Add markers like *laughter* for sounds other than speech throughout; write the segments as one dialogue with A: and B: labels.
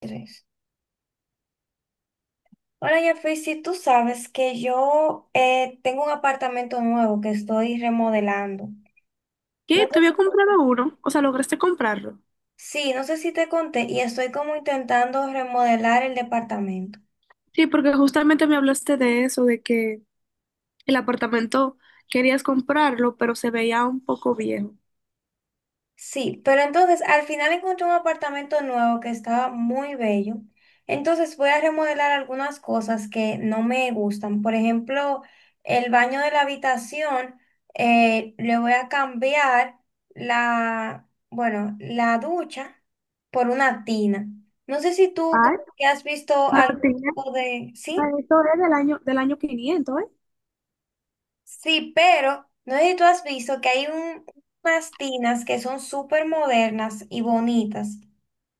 A: Tres. Hola, Jeffrey, si tú sabes que yo tengo un apartamento nuevo que estoy remodelando. No
B: ¿Qué? ¿Te
A: sé
B: había comprado
A: si-
B: uno? O sea, ¿lograste comprarlo?
A: sí, no sé si te conté y estoy como intentando remodelar el departamento.
B: Sí, porque justamente me hablaste de eso, de que el apartamento querías comprarlo, pero se veía un poco viejo.
A: Sí, pero entonces al final encontré un apartamento nuevo que estaba muy bello. Entonces voy a remodelar algunas cosas que no me gustan. Por ejemplo, el baño de la habitación, le voy a cambiar bueno, la ducha por una tina. No sé si tú como
B: Ay,
A: que has visto
B: pero tiene,
A: algo de... Sí,
B: esto es del año 500, ¿eh?
A: sí, pero no sé si tú has visto que hay unas tinas que son súper modernas y bonitas.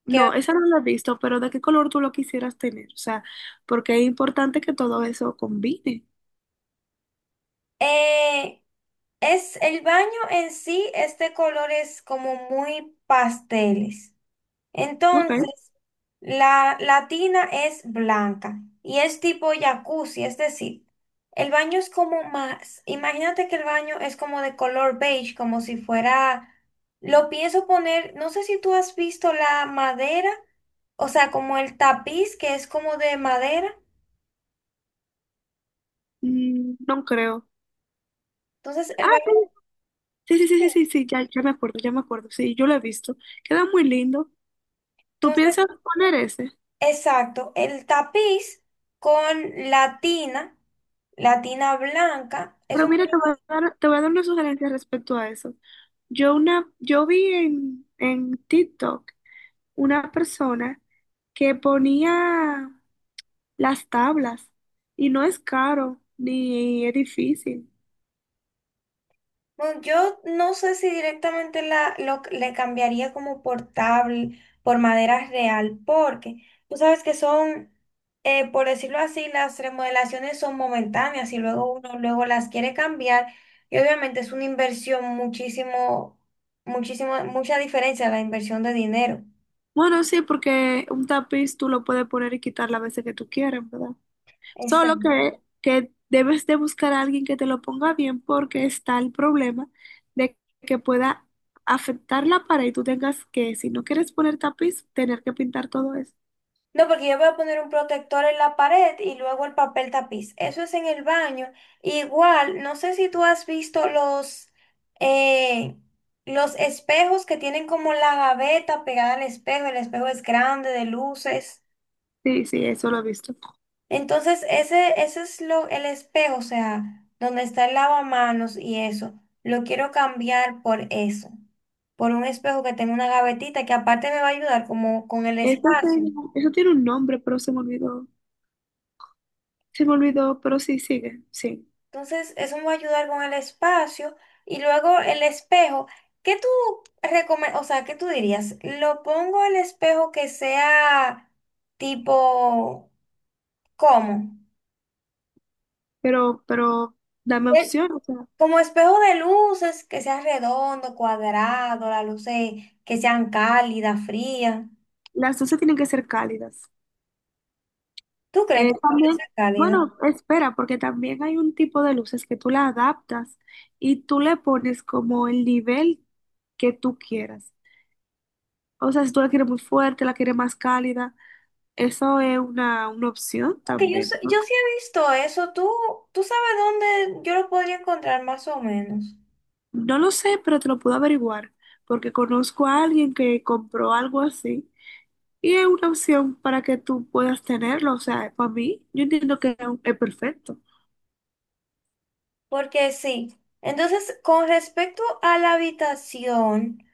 B: No, esa no la he visto, pero ¿de qué color tú lo quisieras tener? O sea, porque es importante que todo eso combine.
A: Eh, es el baño en sí es de colores como muy pasteles.
B: ¿No creo?
A: Entonces, la tina es blanca y es tipo jacuzzi, es decir, el baño es como más, imagínate que el baño es como de color beige, como si fuera, lo pienso poner, no sé si tú has visto la madera, o sea, como el tapiz que es como de madera.
B: Mm, no creo.
A: Entonces, el
B: Ah,
A: baño,
B: sí, sí, sí, sí, sí, sí, ya, ya me acuerdo, ya me acuerdo. Sí, yo lo he visto. Queda muy lindo. ¿Tú
A: entonces
B: piensas poner ese?
A: exacto, el tapiz con la tina blanca. Es
B: Pero
A: un-
B: mira, te voy a dar una sugerencia respecto a eso. Yo, una, yo vi en TikTok una persona que ponía las tablas y no es caro ni es difícil.
A: bueno, yo no sé si directamente la, lo, le cambiaría como por por madera real, porque tú sabes que son, por decirlo así, las remodelaciones son momentáneas y luego uno luego las quiere cambiar y obviamente es una inversión muchísimo, muchísimo, mucha diferencia la inversión de dinero.
B: Bueno, sí, porque un tapiz tú lo puedes poner y quitar las veces que tú quieras, ¿verdad? Solo
A: Exacto.
B: que debes de buscar a alguien que te lo ponga bien porque está el problema de que pueda afectar la pared y tú tengas que, si no quieres poner tapiz, tener que pintar todo eso.
A: No, porque yo voy a poner un protector en la pared y luego el papel tapiz. Eso es en el baño. Igual, no sé si tú has visto eh, los espejos que tienen como la gaveta pegada al espejo. El espejo es grande, de luces.
B: Sí, sí, eso lo he visto.
A: Entonces, ese es lo, el espejo, o sea, donde está el lavamanos y eso. Lo quiero cambiar por eso, por un espejo que tenga una gavetita que aparte me va a ayudar como con el
B: Eso,
A: espacio.
B: eso tiene un nombre, pero se me olvidó. Se me olvidó, pero sí, sigue, sí.
A: Entonces, eso me va a ayudar con el espacio. Y luego el espejo. ¿Qué tú recomiendas? O sea, ¿qué tú dirías? ¿Lo pongo el espejo que sea tipo, ¿cómo?
B: Pero dame
A: El-
B: opción, o sea,
A: como espejo de luces, que sea redondo, cuadrado, las luces que sean cálidas, frías.
B: las dos se tienen que ser cálidas.
A: ¿Tú crees que puede
B: También,
A: ser cálida?
B: bueno, espera, porque también hay un tipo de luces que tú la adaptas y tú le pones como el nivel que tú quieras. O sea, si tú la quieres muy fuerte, la quieres más cálida, eso es una opción
A: Porque yo,
B: también,
A: sé- yo
B: ¿no?
A: sí he visto eso. ¿Tú, tú sabes dónde yo lo podría encontrar más o menos?
B: No lo sé, pero te lo puedo averiguar, porque conozco a alguien que compró algo así y es una opción para que tú puedas tenerlo. O sea, para mí, yo entiendo que es perfecto.
A: Porque sí. Entonces, con respecto a la habitación,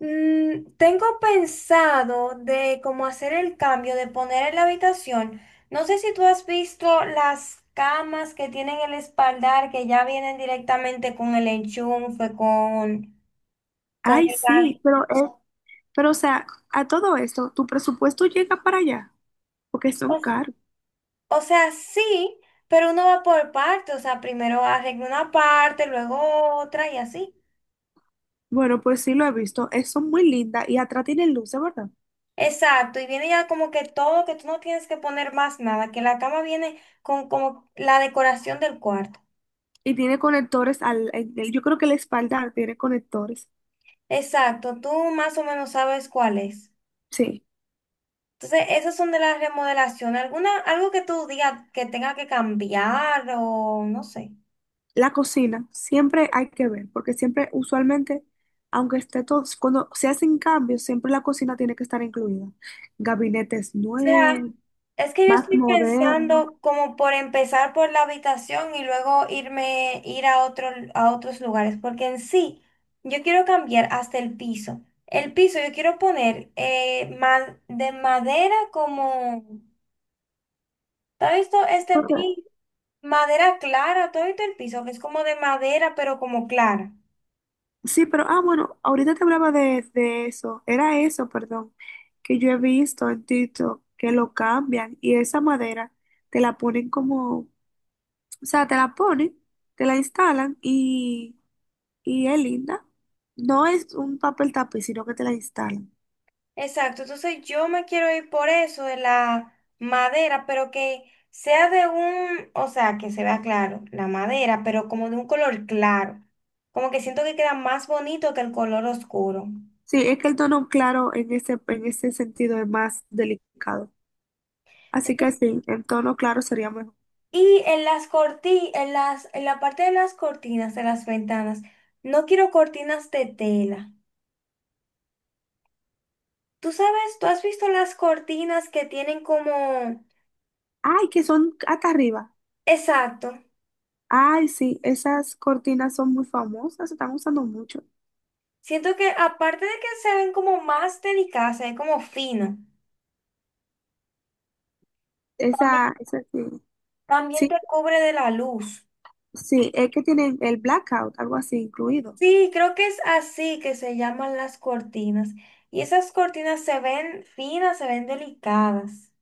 A: mm, tengo pensado de cómo hacer el cambio de poner en la habitación. No sé si tú has visto las camas que tienen el espaldar que ya vienen directamente con el enchufe, con
B: Ay,
A: el... ga-
B: sí, pero es. Pero, o sea, a todo esto, tu presupuesto llega para allá, porque son
A: o, s-
B: caros.
A: o sea, sí, pero uno va por partes. O sea, primero arregla una parte, luego otra y así.
B: Bueno, pues sí lo he visto, son muy lindas y atrás tiene luces, ¿verdad?
A: Exacto, y viene ya como que todo, que tú no tienes que poner más nada, que la cama viene con como la decoración del cuarto.
B: Y tiene conectores yo creo que la espalda tiene conectores.
A: Exacto, tú más o menos sabes cuál es.
B: Sí,
A: Entonces, esas son de las remodelaciones. ¿Alguna, algo que tú digas que tenga que cambiar o no sé?
B: la cocina, siempre hay que ver, porque siempre, usualmente, aunque esté todo, cuando se hacen cambios, siempre la cocina tiene que estar incluida. Gabinetes
A: Sea,
B: nuevos,
A: es que yo
B: más
A: estoy
B: modernos.
A: pensando como por empezar por la habitación y luego irme, ir a otro, a otros lugares, porque en sí, yo quiero cambiar hasta el piso. El piso yo quiero poner ma- de madera como, ¿tú has visto este piso? Madera clara, ¿tú has visto el piso? Que es como de madera, pero como clara.
B: Sí, pero, ah, bueno, ahorita te hablaba de eso, era eso, perdón, que yo he visto en TikTok que lo cambian y esa madera te la ponen como, o sea, te la ponen, te la instalan y es linda. No es un papel tapiz, sino que te la instalan.
A: Exacto, entonces yo me quiero ir por eso de la madera, pero que sea de un, o sea, que se vea claro, la madera, pero como de un color claro, como que siento que queda más bonito que el color oscuro.
B: Sí, es que el tono claro en ese sentido es más delicado. Así que
A: Entonces,
B: sí, en tono claro sería mejor.
A: y en las corti, en las, en la parte de las cortinas, de las ventanas, no quiero cortinas de tela. Tú sabes, tú has visto las cortinas que tienen como,
B: Ay, que son hasta arriba.
A: exacto,
B: Ay, sí, esas cortinas son muy famosas, se están usando mucho.
A: siento que aparte de que se ven como más delicadas, se ven como fino. También
B: Esa sí.
A: también
B: Sí,
A: te cubre de la luz.
B: sí, es que tienen el blackout, algo así incluido.
A: Sí, creo que es así que se llaman las cortinas. Y esas cortinas se ven finas, se ven delicadas.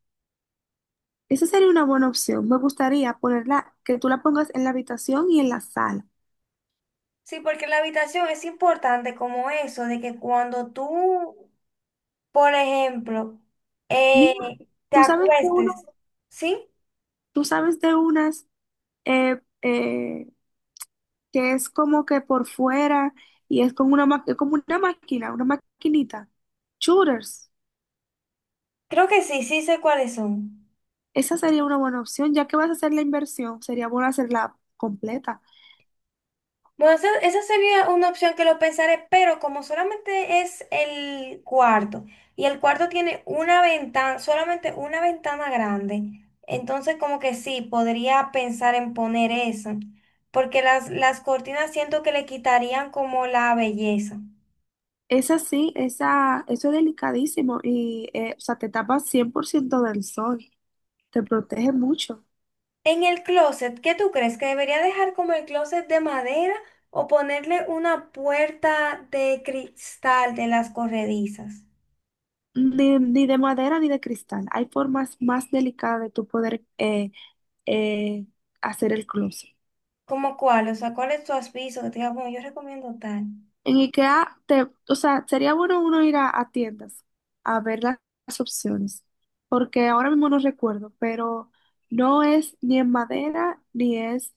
B: Esa sería una buena opción. Me gustaría ponerla, que tú la pongas en la habitación y en la sala.
A: Sí, porque la habitación es importante como eso, de que cuando tú, por ejemplo, eh,
B: Mira,
A: te
B: tú sabes de uno,
A: acuestes, ¿sí?
B: tú sabes de unas eh, eh, que es como que por fuera y es como una, es como una máquina, una maquinita. Shooters.
A: Creo que sí, sí sé cuáles son.
B: Esa sería una buena opción, ya que vas a hacer la inversión, sería bueno hacerla completa.
A: Bueno, esa sería una opción que lo pensaré, pero como solamente es el cuarto y el cuarto tiene una ventana, solamente una ventana grande, entonces como que sí, podría pensar en poner esa, porque las cortinas siento que le quitarían como la belleza.
B: Es así, esa, eso es delicadísimo y, o sea, te tapa 100% del sol, te protege mucho.
A: En el closet, ¿qué tú crees? ¿Que debería dejar como el closet de madera o ponerle una puerta de cristal de las corredizas?
B: Ni de madera ni de cristal. Hay formas más delicadas de tu poder eh, hacer el closet.
A: ¿Cómo cuál? O sea, ¿cuál es tu aviso que te diga, bueno, yo recomiendo tal?
B: En IKEA, te, o sea, sería bueno uno ir a tiendas a ver las opciones, porque ahora mismo no recuerdo, pero no es ni en madera ni es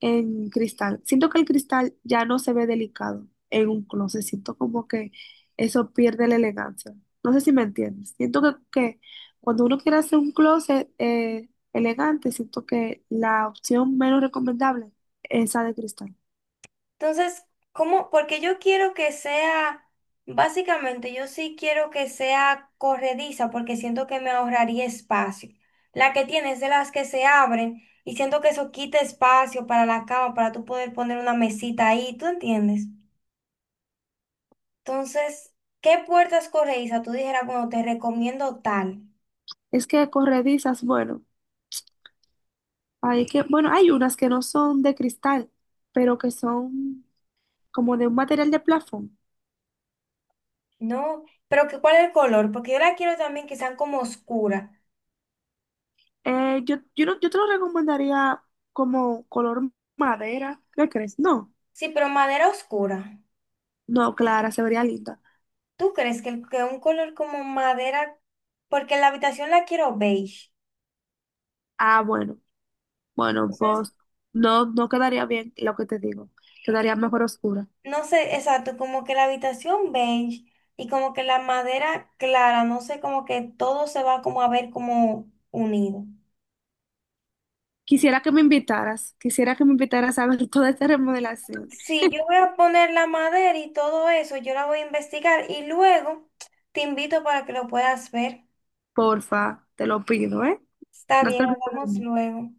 B: en cristal. Siento que el cristal ya no se ve delicado en un closet. Siento como que eso pierde la elegancia. No sé si me entiendes. Siento que cuando uno quiere hacer un closet elegante, siento que la opción menos recomendable es esa de cristal.
A: Entonces, ¿cómo? Porque yo quiero que sea, básicamente, yo sí quiero que sea corrediza porque siento que me ahorraría espacio. La que tienes de las que se abren y siento que eso quita espacio para la cama, para tú poder poner una mesita ahí, ¿tú entiendes? Entonces, ¿qué puertas corredizas tú dijeras, bueno, te recomiendo tal?
B: Es que corredizas, bueno, hay que, bueno, hay unas que no son de cristal, pero que son como de un material de plafón.
A: No, pero que, ¿cuál es el color? Porque yo la quiero también que sean como oscuras.
B: Yo, yo, no- yo te lo recomendaría como color madera. ¿Qué crees? No.
A: Sí, pero madera oscura.
B: No, Clara, se vería linda.
A: ¿Tú crees que, el- que un color como madera, porque la habitación la quiero beige?
B: Ah, bueno, bueno,
A: Entonces,
B: pues no, no quedaría bien lo que te digo. Quedaría mejor oscura.
A: no sé, exacto, como que la habitación beige y como que la madera clara, no sé, como que todo se va como a ver como unido.
B: Quisiera que me invitaras, quisiera que me invitaras a ver *laughs* toda esta remodelación.
A: Sí, yo voy a poner la madera y todo eso, yo la voy a investigar y luego te invito para que lo puedas ver.
B: Porfa, te lo pido, ¿eh?
A: Está
B: No
A: bien,
B: te olvides de
A: hablamos
B: mí.
A: luego.